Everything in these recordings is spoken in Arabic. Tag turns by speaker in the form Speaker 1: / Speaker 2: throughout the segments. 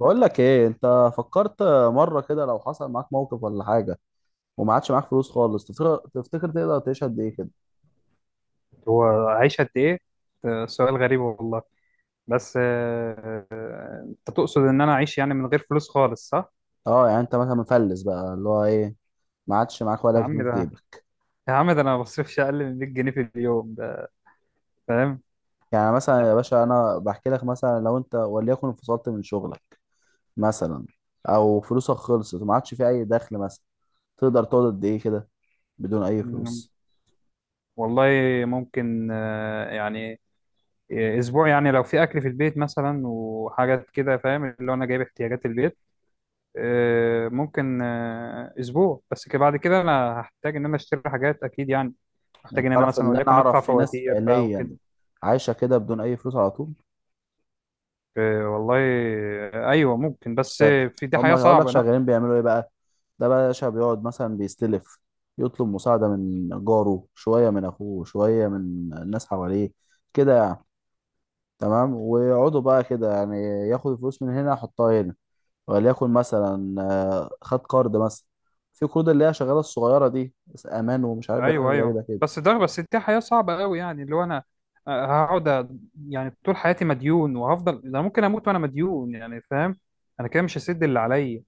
Speaker 1: بقول لك ايه انت فكرت مره كده لو حصل معاك موقف ولا حاجه، وما عادش معاك فلوس خالص. تفتكر تقدر تعيش قد ايه كده؟
Speaker 2: هو عايش قد ايه؟ ده سؤال غريب والله. بس، انت تقصد ان انا اعيش يعني من غير فلوس خالص، صح؟
Speaker 1: اه يعني انت مثلا مفلس بقى، اللي هو ايه، ما عادش معاك ولا
Speaker 2: يا
Speaker 1: جنيه
Speaker 2: عم
Speaker 1: في
Speaker 2: ده
Speaker 1: جيبك.
Speaker 2: يا عم ده انا ما بصرفش اقل من 100 جنيه في اليوم ده، فاهم؟
Speaker 1: يعني مثلا يا باشا انا بحكي لك، مثلا لو انت وليكن انفصلت من شغلك مثلا، او فلوسك خلصت وما عادش في اي دخل مثلا، تقدر تقعد قد ايه كده بدون اي
Speaker 2: يعني
Speaker 1: فلوس؟
Speaker 2: والله ممكن، يعني، اسبوع، يعني لو في اكل في البيت مثلا وحاجات كده، فاهم؟ اللي هو انا جايب احتياجات البيت. ممكن، اسبوع بس كده، بعد كده انا هحتاج ان انا اشتري حاجات اكيد يعني،
Speaker 1: يعني
Speaker 2: محتاج ان انا
Speaker 1: تعرف
Speaker 2: مثلا
Speaker 1: ان انا
Speaker 2: وليكن ادفع
Speaker 1: اعرف في ناس
Speaker 2: فواتير بقى
Speaker 1: فعليا
Speaker 2: وكده.
Speaker 1: عايشه كده بدون اي فلوس على طول.
Speaker 2: إيه والله. ايوه ممكن، بس
Speaker 1: شغ...
Speaker 2: في دي حياه
Speaker 1: هقول لك
Speaker 2: صعبه، لا.
Speaker 1: شغالين بيعملوا ايه بقى. ده بقى يا باشا بيقعد مثلا بيستلف، يطلب مساعدة من جاره شوية، من أخوه شوية، من الناس حواليه كده يعني. تمام، ويقعدوا بقى كده يعني، ياخد الفلوس من هنا يحطها هنا. وليكن مثلا خد قرض مثلا. في قروض اللي هي شغالة الصغيرة دي بس أمان، ومش عارف
Speaker 2: ايوه،
Speaker 1: يعمل غريبة
Speaker 2: ايوه،
Speaker 1: كده.
Speaker 2: بس ده، بس دي حياه صعبه قوي، يعني اللي هو انا، هقعد يعني طول حياتي مديون، وهفضل انا ممكن اموت وانا مديون، يعني فاهم؟ انا كده مش هسد اللي عليا،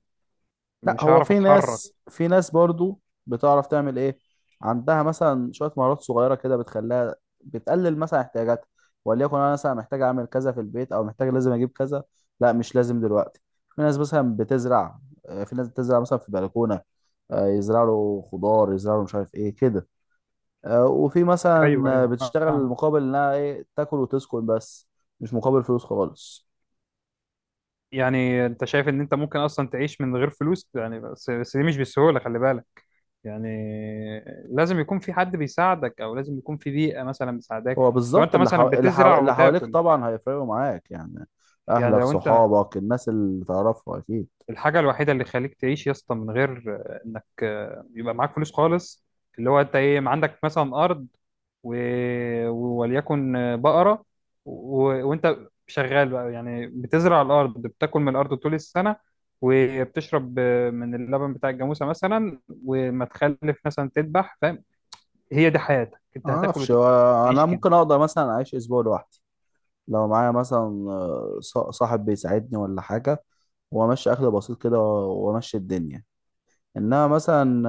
Speaker 1: لا
Speaker 2: مش
Speaker 1: هو
Speaker 2: هعرف
Speaker 1: في
Speaker 2: اتحرك.
Speaker 1: ناس في ناس برضو بتعرف تعمل ايه. عندها مثلا شويه مهارات صغيره كده بتخليها بتقلل مثلا احتياجاتها. وليكن انا مثلا محتاج اعمل كذا في البيت، او محتاج لازم اجيب كذا، لا مش لازم دلوقتي. في ناس مثلا بتزرع. في ناس بتزرع مثلا في بلكونه. يزرعوا خضار، يزرعوا مش عارف ايه كده. وفي مثلا
Speaker 2: ايوه، ايوه،
Speaker 1: بتشتغل
Speaker 2: فاهم.
Speaker 1: مقابل انها ايه، تاكل وتسكن بس، مش مقابل فلوس خالص.
Speaker 2: يعني انت شايف ان انت ممكن اصلا تعيش من غير فلوس؟ يعني بس دي مش بالسهوله، خلي بالك. يعني لازم يكون في حد بيساعدك، او لازم يكون في بيئه مثلا بتساعدك.
Speaker 1: هو
Speaker 2: لو
Speaker 1: بالظبط
Speaker 2: انت
Speaker 1: اللي حو...
Speaker 2: مثلا
Speaker 1: اللي, حو...
Speaker 2: بتزرع
Speaker 1: اللي حواليك
Speaker 2: وتاكل،
Speaker 1: طبعا هيفرقوا معاك يعني.
Speaker 2: يعني
Speaker 1: اهلك
Speaker 2: لو انت،
Speaker 1: صحابك الناس اللي تعرفها اكيد.
Speaker 2: الحاجة الوحيدة اللي خليك تعيش يا اسطى من غير انك يبقى معاك فلوس خالص، اللي هو انت ايه؟ ما عندك مثلا ارض و... وليكن بقرة، و... وانت شغال بقى، يعني بتزرع الارض، بتاكل من الارض طول السنة، وبتشرب من اللبن بتاع الجاموسة مثلا، وما تخلف مثلا تذبح، فاهم؟ هي دي حياتك، انت
Speaker 1: ما
Speaker 2: هتاكل
Speaker 1: اعرفش، هو
Speaker 2: وتعيش
Speaker 1: انا
Speaker 2: كده.
Speaker 1: ممكن اقدر مثلا اعيش اسبوع لوحدي لو معايا مثلا صاحب بيساعدني ولا حاجه، وامشي اكل بسيط كده وامشي الدنيا. انما مثلا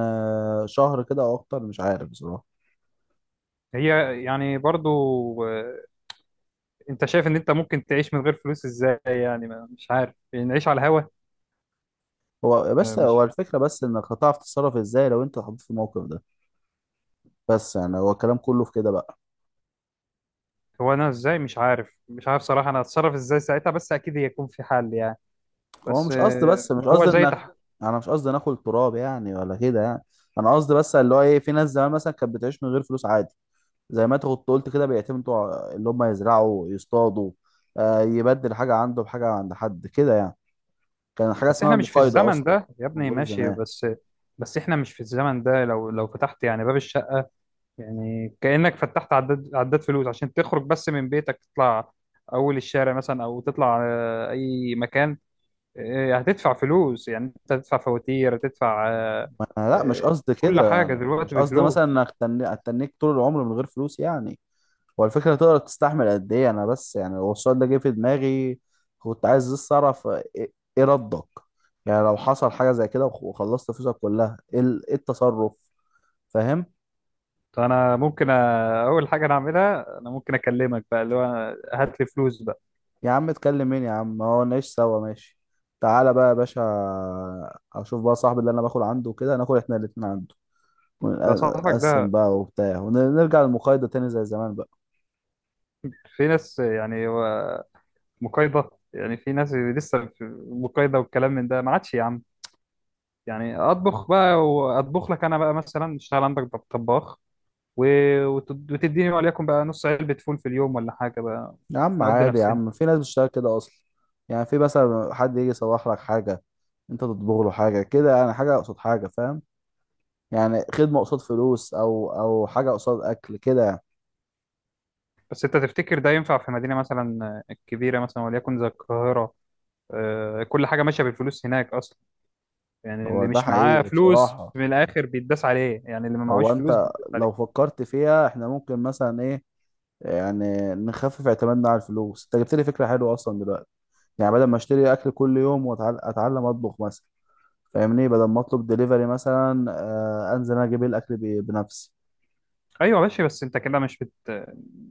Speaker 1: شهر كده او اكتر مش عارف بصراحه.
Speaker 2: هي يعني برضو، آه، انت شايف ان انت ممكن تعيش من غير فلوس ازاي؟ يعني مش عارف نعيش على الهوا.
Speaker 1: هو بس هو
Speaker 2: مش،
Speaker 1: الفكره، بس انك هتعرف تتصرف ازاي لو انت اتحطيت في الموقف ده. بس يعني هو الكلام كله في كده بقى.
Speaker 2: هو انا ازاي؟ مش عارف، مش عارف صراحة انا اتصرف ازاي ساعتها، بس اكيد هيكون في حل يعني.
Speaker 1: هو
Speaker 2: بس،
Speaker 1: مش قصد بس مش قصد
Speaker 2: هو زي
Speaker 1: انك، انا مش قصدي ناكل تراب يعني ولا كده يعني. انا قصدي بس اللي هو ايه، في ناس زمان مثلا كانت بتعيش من غير فلوس عادي. زي ما انت كنت قلت كده، بيعتمدوا على اللي هم يزرعوا يصطادوا، آه يبدل حاجه عنده بحاجه عند حد كده يعني. كان حاجه
Speaker 2: بس
Speaker 1: اسمها
Speaker 2: احنا مش في
Speaker 1: المقايضه
Speaker 2: الزمن
Speaker 1: اصلا
Speaker 2: ده يا
Speaker 1: كانت
Speaker 2: ابني،
Speaker 1: موجوده
Speaker 2: ماشي؟
Speaker 1: زمان.
Speaker 2: بس احنا مش في الزمن ده، لو فتحت يعني باب الشقة، يعني كأنك فتحت عداد فلوس عشان تخرج بس من بيتك. تطلع اول الشارع مثلا، او تطلع اي مكان، هتدفع فلوس، يعني انت هتدفع فواتير، هتدفع
Speaker 1: لا
Speaker 2: آه،
Speaker 1: مش قصدي
Speaker 2: كل
Speaker 1: كده
Speaker 2: حاجة
Speaker 1: يعني. أنا
Speaker 2: دلوقتي
Speaker 1: مش قصدي مثلا
Speaker 2: بفلوس.
Speaker 1: انك اتنيك طول العمر من غير فلوس يعني. هو الفكرة تقدر تستحمل قد ايه، انا بس يعني هو السؤال ده جه في دماغي. كنت عايز بس اعرف إيه ردك. يعني لو حصل حاجة زي كده وخلصت فلوسك كلها، إيه التصرف، فاهم.
Speaker 2: طب انا ممكن اول حاجه انا اعملها، انا ممكن اكلمك بقى اللي هو: هات لي فلوس بقى.
Speaker 1: يا عم اتكلم مين يا عم، ما هو نعيش سوا ماشي. تعالى بقى يا باشا، اشوف بقى صاحبي اللي انا باكل عنده كده، ناكل احنا الاتنين عنده،
Speaker 2: ده صاحبك
Speaker 1: ونقسم
Speaker 2: ده؟
Speaker 1: بقى وبتاع، ونرجع للمقايضة تاني زي زمان بقى.
Speaker 2: في ناس يعني، هو مقايضه، يعني في ناس لسه في مقايضه؟ والكلام من ده ما عادش يا عم. يعني اطبخ بقى، واطبخ لك انا بقى، مثلا اشتغل عندك طباخ، وتديني وليكن بقى نص علبه فول في اليوم ولا حاجه بقى.
Speaker 1: يا عم
Speaker 2: نقضي
Speaker 1: عادي يا
Speaker 2: نفسنا.
Speaker 1: عم، في ناس بتشتغل كده اصلا. يعني في مثلا حد يجي يصلح لك حاجه، انت تطبخ له حاجه كده يعني، حاجه قصاد حاجه فاهم. يعني خدمه قصاد فلوس، او حاجه قصاد اكل كده يعني.
Speaker 2: بس انت تفتكر ده ينفع في مدينه مثلا كبيره، مثلا وليكن زي القاهره؟ كل حاجه ماشيه بالفلوس هناك اصلا. يعني
Speaker 1: هو
Speaker 2: اللي
Speaker 1: ده
Speaker 2: مش معاه
Speaker 1: حقيقي
Speaker 2: فلوس
Speaker 1: بصراحه.
Speaker 2: في الاخر بيتداس عليه، يعني اللي ما معهوش
Speaker 1: هو
Speaker 2: فلوس
Speaker 1: انت
Speaker 2: بيتداس
Speaker 1: لو
Speaker 2: عليه.
Speaker 1: فكرت فيها، احنا ممكن مثلا ايه، يعني نخفف اعتمادنا على الفلوس. انت جبت لي فكره حلوه اصلا دلوقتي. يعني بدل ما اشتري اكل كل يوم، واتعلم اطبخ مثلا، فاهمني، بدل ما اطلب دليفري مثلا، انزل انا اجيب الاكل بنفسي.
Speaker 2: ايوه ماشي، بس انت كده مش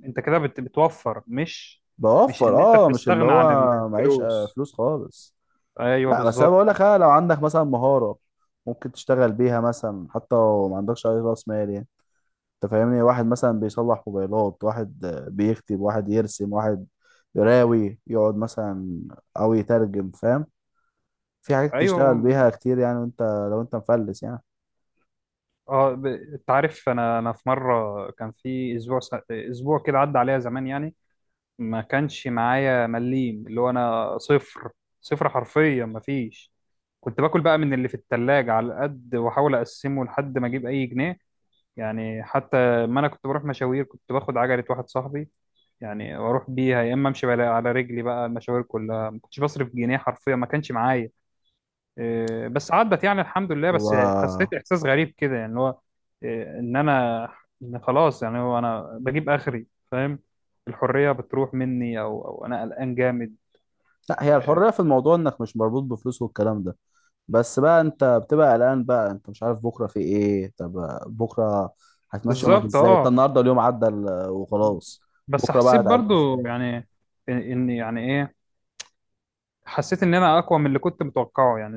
Speaker 2: انت كده بتوفر، مش
Speaker 1: بوفر،
Speaker 2: ان انت
Speaker 1: مش اللي
Speaker 2: بتستغنى
Speaker 1: هو
Speaker 2: عن
Speaker 1: معيش
Speaker 2: الفلوس.
Speaker 1: فلوس خالص.
Speaker 2: ايوه
Speaker 1: لا بس انا
Speaker 2: بالظبط.
Speaker 1: بقول لك، لو عندك مثلا مهارة ممكن تشتغل بيها مثلا حتى لو ما عندكش اي راس مال يعني. انت فاهمني، واحد مثلا بيصلح موبايلات، واحد بيكتب، واحد يرسم، واحد يراوي يقعد مثلا، او يترجم، فاهم. في حاجات تشتغل
Speaker 2: ايوه
Speaker 1: بيها كتير يعني، وانت لو انت مفلس
Speaker 2: اه، انت عارف، انا في مره كان في اسبوع اسبوع كده عدى عليا زمان يعني، ما كانش معايا مليم، اللي هو انا صفر، صفر حرفيا ما فيش. كنت باكل بقى من اللي في التلاجة على قد، واحاول اقسمه لحد ما اجيب اي جنيه، يعني حتى، ما انا كنت بروح مشاوير، كنت باخد عجلة واحد صاحبي يعني، واروح بيها يا اما امشي على رجلي بقى. المشاوير كلها ما كنتش بصرف جنيه حرفيا، ما كانش معايا. إيه، بس عدت يعني الحمد لله. بس
Speaker 1: يعني.
Speaker 2: حسيت احساس غريب كده يعني اللي هو إيه، ان انا، إن خلاص يعني، هو انا بجيب اخري؟ فاهم؟ الحرية بتروح مني، او انا قلقان جامد.
Speaker 1: لا هي
Speaker 2: إيه،
Speaker 1: الحرية في الموضوع انك مش مربوط بفلوس والكلام ده. بس بقى انت بتبقى قلقان بقى، انت مش عارف بكرة في ايه. طب بكرة هتمشي يومك
Speaker 2: بالظبط
Speaker 1: ازاي؟ طب
Speaker 2: اه.
Speaker 1: النهاردة اليوم عدى وخلاص،
Speaker 2: بس
Speaker 1: بكرة بقى
Speaker 2: حسيت
Speaker 1: هتعدي
Speaker 2: برضو
Speaker 1: ازاي؟
Speaker 2: يعني، ان يعني ايه، حسيت ان انا اقوى من اللي كنت متوقعه يعني،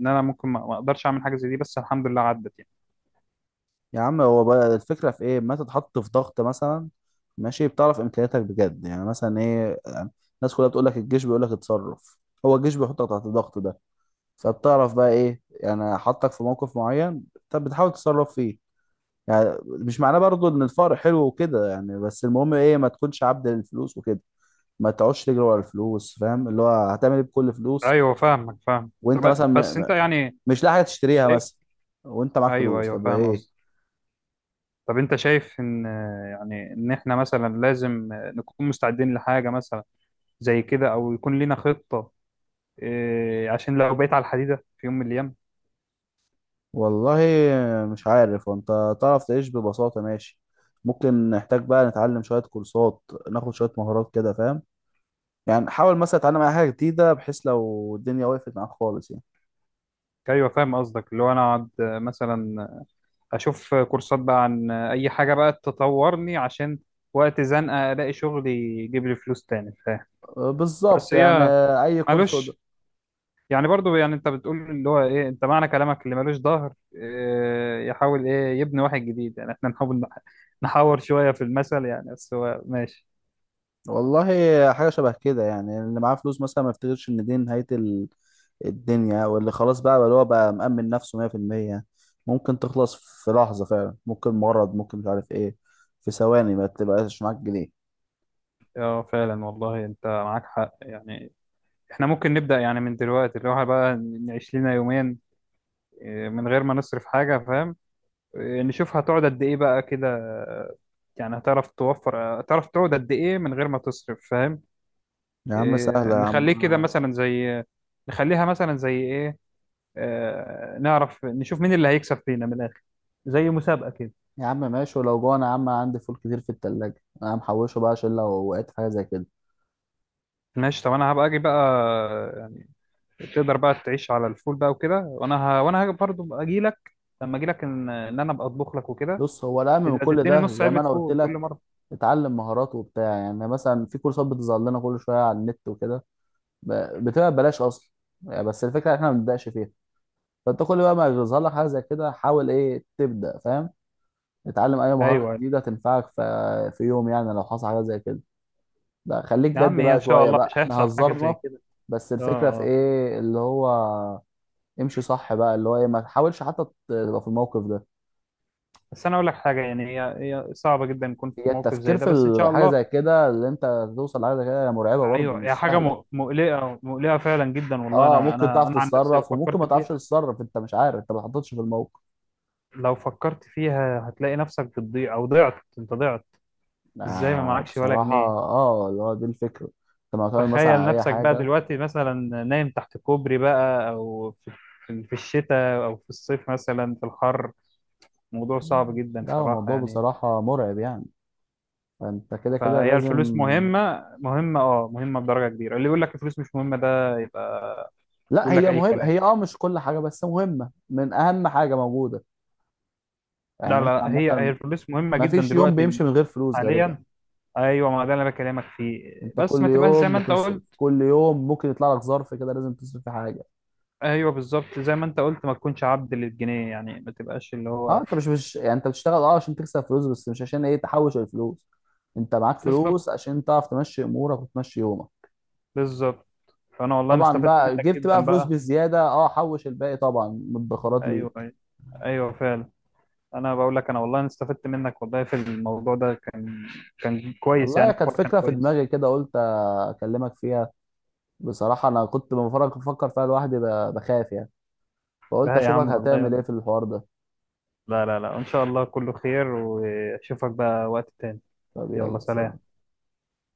Speaker 2: ان انا ممكن ما اقدرش اعمل حاجه زي دي، بس الحمد لله عدت يعني.
Speaker 1: يا عم هو بقى الفكرة في ايه، ما تتحط في ضغط مثلا، ماشي، بتعرف امكانياتك بجد يعني مثلا ايه يعني. الناس كلها بتقول لك، الجيش بيقول لك اتصرف. هو الجيش بيحطك تحت الضغط ده، فبتعرف بقى ايه يعني، حطك في موقف معين طب بتحاول تتصرف فيه. يعني مش معناه برضو ان الفقر حلو وكده يعني، بس المهم ايه، ما تكونش عبد للفلوس وكده. ما تقعدش تجري ورا الفلوس فاهم، اللي هو هتعمل ايه بكل فلوس،
Speaker 2: ايوه فاهمك فاهم.
Speaker 1: وانت
Speaker 2: طب
Speaker 1: مثلا
Speaker 2: بس انت يعني
Speaker 1: مش لاقي حاجه تشتريها
Speaker 2: شايف.
Speaker 1: مثلا، وانت معاك
Speaker 2: ايوه
Speaker 1: فلوس،
Speaker 2: ايوه
Speaker 1: طب
Speaker 2: فاهم
Speaker 1: ايه.
Speaker 2: قصدي. طب انت شايف ان، يعني ان احنا مثلا لازم نكون مستعدين لحاجه مثلا زي كده، او يكون لينا خطه، إيه، عشان لو بقيت على الحديده في يوم من الايام.
Speaker 1: والله مش عارف، وانت تعرف تعيش ببساطه ماشي. ممكن نحتاج بقى نتعلم شويه كورسات، ناخد شويه مهارات كده فاهم. يعني حاول مثلا تتعلم اي حاجه جديده بحيث لو الدنيا وقفت معاك خالص يعني.
Speaker 2: ايوه فاهم قصدك، اللي هو انا اقعد مثلا اشوف كورسات بقى عن اي حاجه بقى تطورني عشان وقت زنقه الاقي شغل يجيب لي فلوس تاني.
Speaker 1: بالظبط
Speaker 2: بس
Speaker 1: يعني
Speaker 2: هي
Speaker 1: اي كورس.
Speaker 2: مالوش، يعني برضو يعني، انت بتقول اللي هو ايه؟ انت معنى كلامك، اللي مالوش ظهر إيه يحاول ايه يبني واحد جديد، يعني احنا نحاول نحاور شوية في المثل يعني، بس هو ماشي.
Speaker 1: والله حاجة شبه كده يعني، اللي معاه فلوس مثلا ما يفتكرش ان دي نهاية الدنيا، واللي خلاص بقى اللي هو بقى مأمن نفسه 100%. ممكن تخلص في لحظة فعلا، ممكن مرض، ممكن مش عارف ايه، في ثواني ما تبقاش معاك جنيه.
Speaker 2: اه فعلا والله انت معاك حق يعني. احنا ممكن نبدأ يعني من دلوقتي، اللي هو بقى نعيش لنا يومين، إيه، من غير ما نصرف حاجة، فاهم؟ إيه، نشوف هتقعد قد ايه بقى كده، اه، يعني هتعرف توفر، هتعرف تقعد قد ايه من غير ما تصرف، فاهم؟
Speaker 1: يا عم
Speaker 2: إيه،
Speaker 1: سهلة يا عم
Speaker 2: نخليه كده
Speaker 1: انا.
Speaker 2: مثلا زي، نخليها مثلا زي ايه، نعرف نشوف مين اللي هيكسب فينا من الاخر، زي مسابقة كده.
Speaker 1: يا عم ماشي، ولو جوع انا يا عم عندي فول كتير في التلاجة، انا محوشه بقى عشان لو وقعت في حاجة زي كده.
Speaker 2: ماشي، طب انا هبقى اجي بقى يعني، تقدر بقى تعيش على الفول بقى وكده، وانا وانا هاجي برضه اجي لك، لما اجي لك، ان انا ابقى اطبخ لك وكده،
Speaker 1: بص، هو الأهم من
Speaker 2: تبقى
Speaker 1: كل
Speaker 2: تديني
Speaker 1: ده
Speaker 2: نص
Speaker 1: زي
Speaker 2: علبة
Speaker 1: ما انا قلت
Speaker 2: فول كل
Speaker 1: لك،
Speaker 2: مرة.
Speaker 1: اتعلم مهارات وبتاع يعني. مثلا في كورسات بتظهر لنا كل شوية على النت وكده، بتبقى ببلاش اصلا. يعني بس الفكره ان احنا ما بنبداش فيها. فانت كل بقى ما يظهر لك حاجه زي كده، حاول ايه تبدا فاهم، اتعلم اي مهاره
Speaker 2: ايوه، أيوة.
Speaker 1: جديده تنفعك في يوم، يعني لو حصل حاجه زي كده. لا خليك
Speaker 2: يا
Speaker 1: جد
Speaker 2: عم، هي
Speaker 1: بقى
Speaker 2: ان شاء
Speaker 1: شويه
Speaker 2: الله
Speaker 1: بقى،
Speaker 2: مش
Speaker 1: احنا
Speaker 2: هيحصل حاجة زي
Speaker 1: هزرنا،
Speaker 2: كده.
Speaker 1: بس
Speaker 2: اه
Speaker 1: الفكره في
Speaker 2: اه.
Speaker 1: ايه اللي هو، امشي صح بقى اللي هو ايه، ما تحاولش حتى تبقى في الموقف ده.
Speaker 2: بس انا اقول لك حاجة، يعني هي صعبة جدا نكون في
Speaker 1: هي
Speaker 2: موقف زي
Speaker 1: التفكير
Speaker 2: ده،
Speaker 1: في
Speaker 2: بس ان شاء
Speaker 1: الحاجه
Speaker 2: الله.
Speaker 1: زي كده اللي انت توصل لحاجه زي كده مرعبه برضه،
Speaker 2: ايوه، هي
Speaker 1: مش
Speaker 2: حاجة
Speaker 1: سهله.
Speaker 2: مقلقة، مقلقة فعلا جدا والله.
Speaker 1: اه
Speaker 2: انا
Speaker 1: ممكن
Speaker 2: انا
Speaker 1: تعرف
Speaker 2: انا عن نفسي
Speaker 1: تتصرف وممكن
Speaker 2: فكرت
Speaker 1: ما تعرفش
Speaker 2: فيها.
Speaker 1: تتصرف، انت مش عارف، انت ما اتحطتش في الموقف.
Speaker 2: لو فكرت فيها هتلاقي نفسك بتضيع، او ضعت انت ضعت. ازاي ما
Speaker 1: آه
Speaker 2: معكش ولا
Speaker 1: بصراحة،
Speaker 2: جنيه؟
Speaker 1: اللي هو دي الفكرة انت معتمد مثلا
Speaker 2: تخيل
Speaker 1: على اي
Speaker 2: نفسك بقى
Speaker 1: حاجة.
Speaker 2: دلوقتي مثلا نايم تحت كوبري بقى، او في الشتاء او في الصيف مثلا في الحر. موضوع صعب جدا
Speaker 1: لا هو
Speaker 2: صراحة
Speaker 1: الموضوع
Speaker 2: يعني.
Speaker 1: بصراحة مرعب يعني، فانت كده كده
Speaker 2: فهي
Speaker 1: لازم.
Speaker 2: الفلوس مهمة، مهمة اه، مهمة بدرجة كبيرة. اللي يقول لك الفلوس مش مهمة ده يبقى
Speaker 1: لا
Speaker 2: يقول لك
Speaker 1: هي
Speaker 2: اي
Speaker 1: مهمة،
Speaker 2: كلام.
Speaker 1: هي مش كل حاجة، بس مهمة، من اهم حاجة موجودة.
Speaker 2: لا
Speaker 1: يعني انت
Speaker 2: لا، هي
Speaker 1: عامة،
Speaker 2: الفلوس مهمة
Speaker 1: ما
Speaker 2: جدا
Speaker 1: فيش يوم
Speaker 2: دلوقتي
Speaker 1: بيمشي من غير فلوس غالبا.
Speaker 2: حاليا. ايوه، ما ده اللي انا بكلمك فيه،
Speaker 1: انت
Speaker 2: بس ما
Speaker 1: كل
Speaker 2: تبقاش زي
Speaker 1: يوم
Speaker 2: ما انت
Speaker 1: بتصرف،
Speaker 2: قلت.
Speaker 1: كل يوم ممكن يطلع لك ظرف كده، لازم تصرف في حاجة.
Speaker 2: ايوه بالظبط، زي ما انت قلت ما تكونش عبد للجنيه، يعني ما تبقاش اللي
Speaker 1: اه
Speaker 2: هو.
Speaker 1: انت مش يعني، انت بتشتغل عشان تكسب فلوس، بس مش عشان ايه تحوش الفلوس. انت معاك
Speaker 2: بالظبط،
Speaker 1: فلوس عشان تعرف تمشي امورك وتمشي يومك.
Speaker 2: بالظبط. فانا والله انا
Speaker 1: طبعا
Speaker 2: استفدت
Speaker 1: بقى
Speaker 2: منك
Speaker 1: جبت بقى
Speaker 2: جدا
Speaker 1: فلوس
Speaker 2: بقى.
Speaker 1: بالزياده، حوش الباقي طبعا من الادخارات
Speaker 2: ايوه،
Speaker 1: ليك.
Speaker 2: ايوه، ايوه، فعلا. انا بقول لك، انا والله انا استفدت منك والله في الموضوع ده، كان كويس يعني،
Speaker 1: والله كانت
Speaker 2: الحوار كان
Speaker 1: فكره في
Speaker 2: كويس.
Speaker 1: دماغي كده، قلت اكلمك فيها. بصراحه انا كنت بفكر فيها لوحدي، بخاف يعني،
Speaker 2: ده
Speaker 1: فقلت
Speaker 2: يا
Speaker 1: اشوفك
Speaker 2: عم والله.
Speaker 1: هتعمل ايه في الحوار ده.
Speaker 2: لا لا لا، ان شاء الله كله خير، واشوفك بقى وقت تاني.
Speaker 1: طب
Speaker 2: يلا
Speaker 1: يلا
Speaker 2: سلام.
Speaker 1: سلام.